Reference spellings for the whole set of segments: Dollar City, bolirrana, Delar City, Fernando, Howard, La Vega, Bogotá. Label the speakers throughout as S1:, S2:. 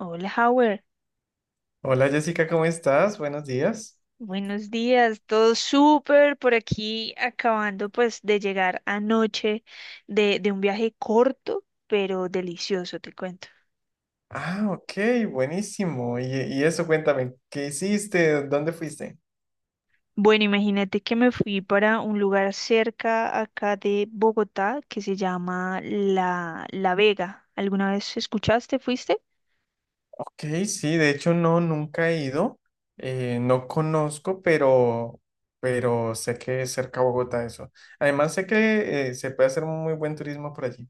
S1: Hola, Howard.
S2: Hola Jessica, ¿cómo estás? Buenos días.
S1: Buenos días. Todo súper por aquí, acabando pues de llegar anoche de un viaje corto, pero delicioso, te cuento.
S2: Ah, ok, buenísimo. Y eso, cuéntame, ¿qué hiciste? ¿Dónde fuiste?
S1: Bueno, imagínate que me fui para un lugar cerca acá de Bogotá que se llama La Vega. ¿Alguna vez escuchaste, fuiste?
S2: Ok, sí, de hecho no, nunca he ido. No conozco, pero sé que es cerca a Bogotá eso. Además sé que se puede hacer muy buen turismo por allí.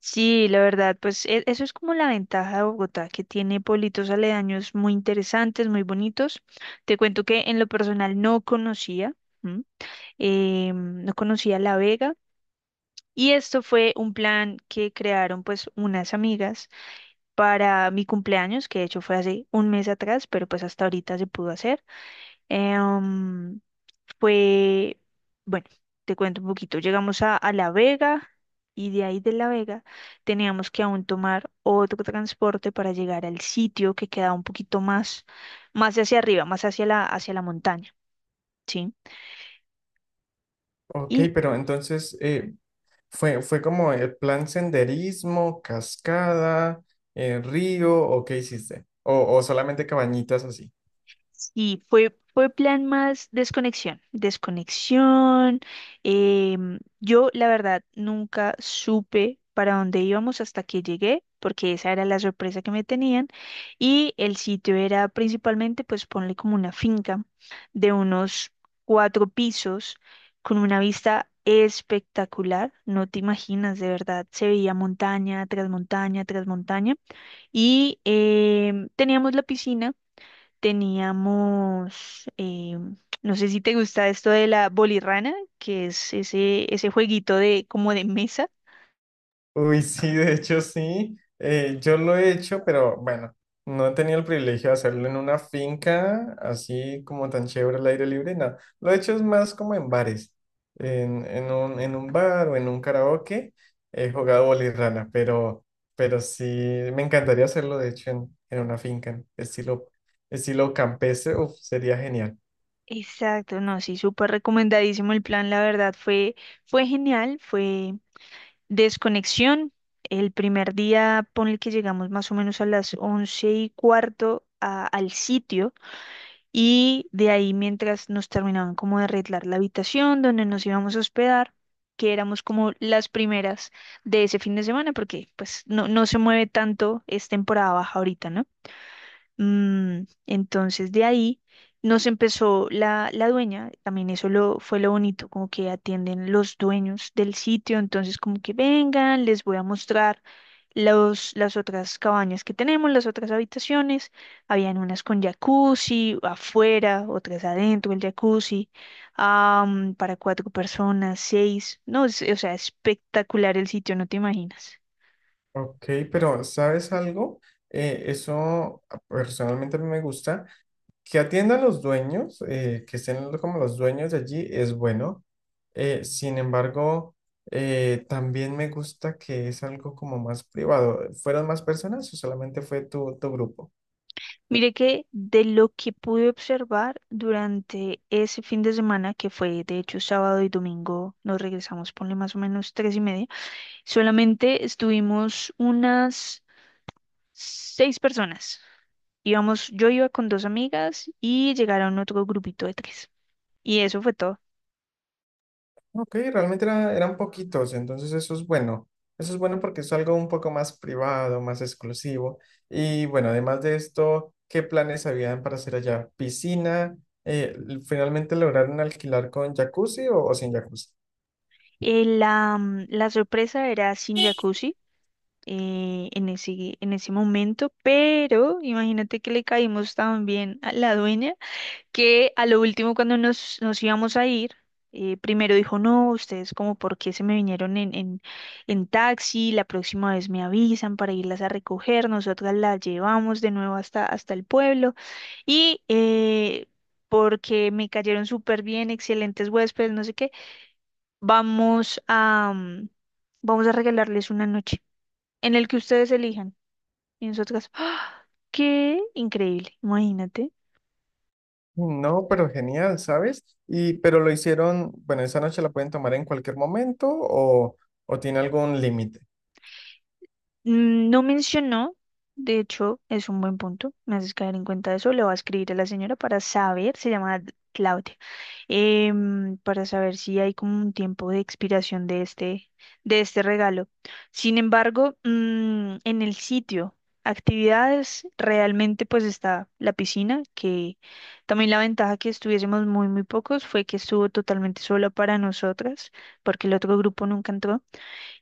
S1: Sí, la verdad, pues eso es como la ventaja de Bogotá, que tiene pueblitos aledaños muy interesantes, muy bonitos. Te cuento que en lo personal no conocía. No conocía La Vega, y esto fue un plan que crearon pues unas amigas para mi cumpleaños, que de hecho fue hace un mes atrás, pero pues hasta ahorita se pudo hacer. Eh, um, Fue, bueno, te cuento un poquito. Llegamos a La Vega. Y de ahí de La Vega teníamos que aún tomar otro transporte para llegar al sitio que quedaba un poquito más, más hacia arriba, más hacia la montaña, ¿sí?
S2: Ok, pero entonces fue como el plan senderismo, cascada, río, ¿o qué hiciste? O solamente cabañitas así.
S1: Y fue, fue plan más desconexión, desconexión. Yo, la verdad, nunca supe para dónde íbamos hasta que llegué, porque esa era la sorpresa que me tenían. Y el sitio era principalmente, pues ponle como una finca de unos cuatro pisos, con una vista espectacular. No te imaginas, de verdad, se veía montaña tras montaña tras montaña. Y teníamos la piscina. Teníamos, no sé si te gusta esto de la bolirrana, que es ese jueguito de como de mesa.
S2: Uy, sí, de hecho sí. Yo lo he hecho, pero bueno, no he tenido el privilegio de hacerlo en una finca así como tan chévere al aire libre, no. Lo he hecho es más como en bares, en un bar o en un karaoke. He jugado bolirrana, pero sí, me encantaría hacerlo de hecho en una finca, estilo campestre, uf, sería genial.
S1: Exacto, no, sí, súper recomendadísimo el plan, la verdad fue genial, fue desconexión. El primer día, ponle que llegamos más o menos a las 11:15 al sitio. Y de ahí, mientras nos terminaban como de arreglar la habitación donde nos íbamos a hospedar, que éramos como las primeras de ese fin de semana, porque pues no, no se mueve tanto, es temporada baja ahorita, ¿no? Entonces de ahí nos empezó la dueña. También eso lo, fue lo bonito, como que atienden los dueños del sitio, entonces como que vengan, les voy a mostrar las otras cabañas que tenemos, las otras habitaciones. Habían unas con jacuzzi afuera, otras adentro el jacuzzi, para cuatro personas, seis, no, o sea, espectacular el sitio, no te imaginas.
S2: Ok, pero ¿sabes algo? Eso ah, personalmente a mí me gusta que atiendan los dueños, que estén como los dueños de allí, es bueno. Sin embargo, también me gusta que es algo como más privado. ¿Fueron más personas o solamente fue tu grupo?
S1: Mire que de lo que pude observar durante ese fin de semana, que fue de hecho sábado y domingo, nos regresamos, ponle más o menos 3:30. Solamente estuvimos unas seis personas. Íbamos, yo iba con dos amigas y llegaron otro grupito de tres. Y eso fue todo.
S2: Ok, realmente eran poquitos, entonces eso es bueno. Eso es bueno porque es algo un poco más privado, más exclusivo. Y bueno, además de esto, ¿qué planes habían para hacer allá? ¿Piscina? Eh, ¿Finalmente lograron alquilar con jacuzzi o sin jacuzzi?
S1: La sorpresa era sin jacuzzi en ese momento, pero imagínate que le caímos también a la dueña que a lo último cuando nos íbamos a ir, primero dijo: no, ustedes como por qué se me vinieron en taxi, la próxima vez me avisan para irlas a recoger, nosotras las llevamos de nuevo hasta el pueblo, y porque me cayeron súper bien, excelentes huéspedes, no sé qué, vamos a, mm, vamos a regalarles una noche en el que ustedes elijan. Y nosotras, ¡ah! ¡Qué increíble! Imagínate.
S2: No, pero genial, ¿sabes? Y pero lo hicieron, bueno, esa noche la pueden tomar en cualquier momento o tiene algún límite.
S1: No mencionó. De hecho, es un buen punto, me haces caer en cuenta de eso. Le voy a escribir a la señora para saber, se llama Claudia, para saber si hay como un tiempo de expiración de este regalo. Sin embargo, en el sitio, actividades, realmente pues está la piscina, que también la ventaja que estuviésemos muy, muy pocos fue que estuvo totalmente solo para nosotras, porque el otro grupo nunca entró.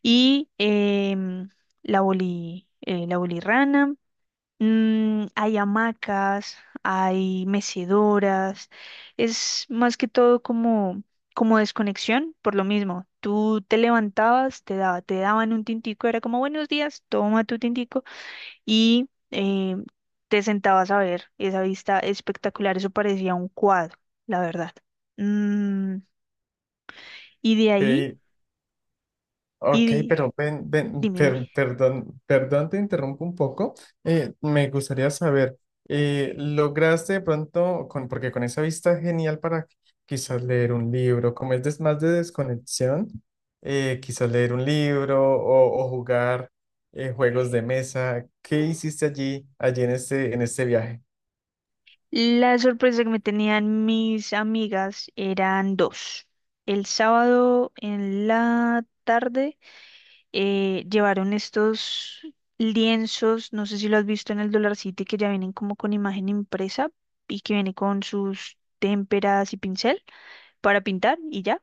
S1: Y la bolirrana. Hay hamacas, hay mecedoras. Es más que todo como, como desconexión, por lo mismo. Tú te levantabas, te daban un tintico, era como buenos días, toma tu tintico. Y te sentabas a ver esa vista espectacular. Eso parecía un cuadro, la verdad. Mm, y de ahí,
S2: Ok,
S1: y
S2: ok,
S1: di-
S2: pero ven, ven,
S1: dime, dime.
S2: perdón, perdón, te interrumpo un poco. Me gustaría saber, ¿lograste de pronto, con, porque con esa vista es genial para quizás leer un libro, como es más de desconexión, quizás leer un libro o jugar juegos de mesa? ¿Qué hiciste allí en en este viaje?
S1: La sorpresa que me tenían mis amigas eran dos. El sábado en la tarde llevaron estos lienzos, no sé si lo has visto en el Dollar City, que ya vienen como con imagen impresa y que viene con sus témperas y pincel para pintar y ya.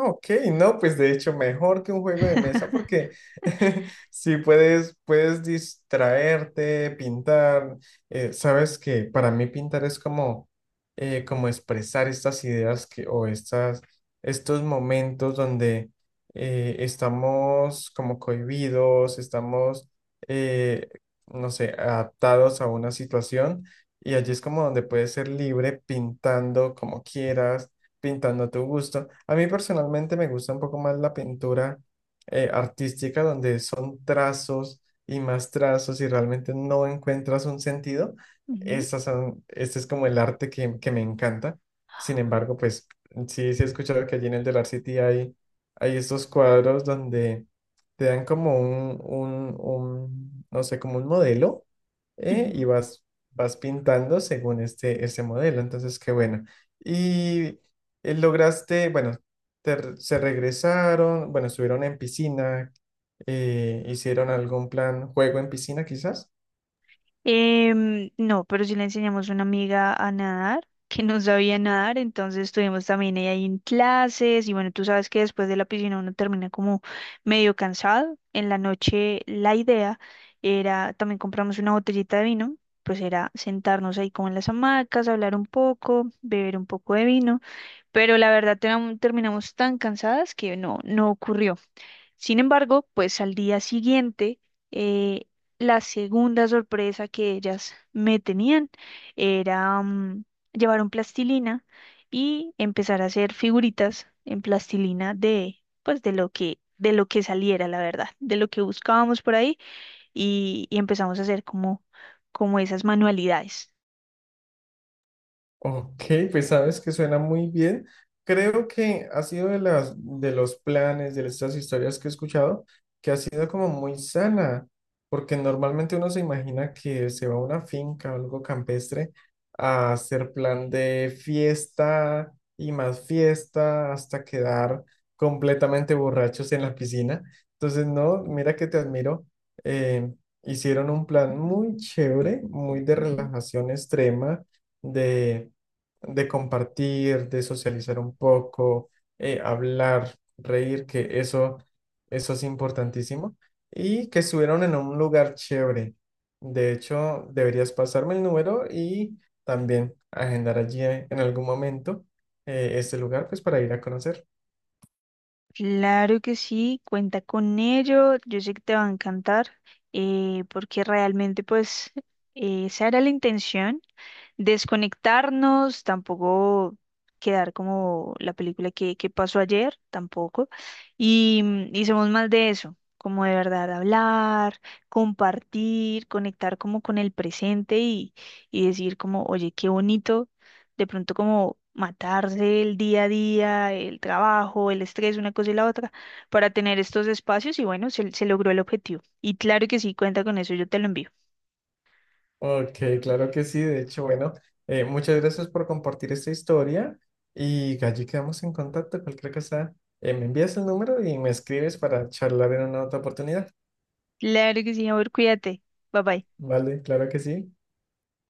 S2: Ok, no, pues de hecho mejor que un juego de mesa porque si puedes, puedes distraerte, pintar, sabes que para mí pintar es como, como expresar estas ideas que, o estas, estos momentos donde estamos como cohibidos, estamos, eh, no sé, adaptados a una situación y allí es como donde puedes ser libre pintando como quieras pintando a tu gusto. A mí personalmente me gusta un poco más la pintura artística, donde son trazos y más trazos y realmente no encuentras un sentido.
S1: Ujú,
S2: Este es como el arte que me encanta. Sin embargo, pues sí, sí he escuchado que allí en el Delar City hay, hay estos cuadros donde te dan como un, no sé, como un modelo y
S1: ujú.
S2: vas, vas pintando según ese modelo. Entonces, qué bueno. Y lograste, bueno, se regresaron, bueno, estuvieron en piscina, hicieron algún plan, juego en piscina quizás.
S1: No, pero sí le enseñamos a una amiga a nadar, que no sabía nadar, entonces estuvimos también ella ahí en clases. Y bueno, tú sabes que después de la piscina uno termina como medio cansado. En la noche la idea era, también compramos una botellita de vino, pues era sentarnos ahí como en las hamacas, hablar un poco, beber un poco de vino, pero la verdad terminamos tan cansadas que no, no ocurrió. Sin embargo, pues al día siguiente, eh, la segunda sorpresa que ellas me tenían era llevar un plastilina y empezar a hacer figuritas en plastilina de, pues, de lo que saliera, la verdad, de lo que buscábamos por ahí, y empezamos a hacer como, como esas manualidades.
S2: Ok, pues sabes que suena muy bien. Creo que ha sido de las de los planes, de estas historias que he escuchado, que ha sido como muy sana, porque normalmente uno se imagina que se va a una finca o algo campestre a hacer plan de fiesta y más fiesta hasta quedar completamente borrachos en la piscina. Entonces, no, mira que te admiro. eh, Hicieron un plan muy chévere, muy de relajación extrema, de de compartir, de socializar un poco, hablar, reír, eso es importantísimo. Y que estuvieron en un lugar chévere. De hecho, deberías pasarme el número y también agendar allí en algún momento este lugar, pues para ir a conocer.
S1: Claro que sí, cuenta con ello, yo sé que te va a encantar, porque realmente pues esa era la intención: desconectarnos, tampoco quedar como la película que pasó ayer, tampoco. Y somos más de eso, como de verdad hablar, compartir, conectar como con el presente, y decir como: oye, qué bonito, de pronto como matarse el día a día, el trabajo, el estrés, una cosa y la otra, para tener estos espacios. Y bueno, se logró el objetivo. Y claro que sí, cuenta con eso, yo te lo envío.
S2: Ok, claro que sí. De hecho, bueno, muchas gracias por compartir esta historia y allí quedamos en contacto. Cualquier cosa, me envías el número y me escribes para charlar en una otra oportunidad.
S1: Claro que sí, amor, cuídate. Bye bye.
S2: Vale, claro que sí.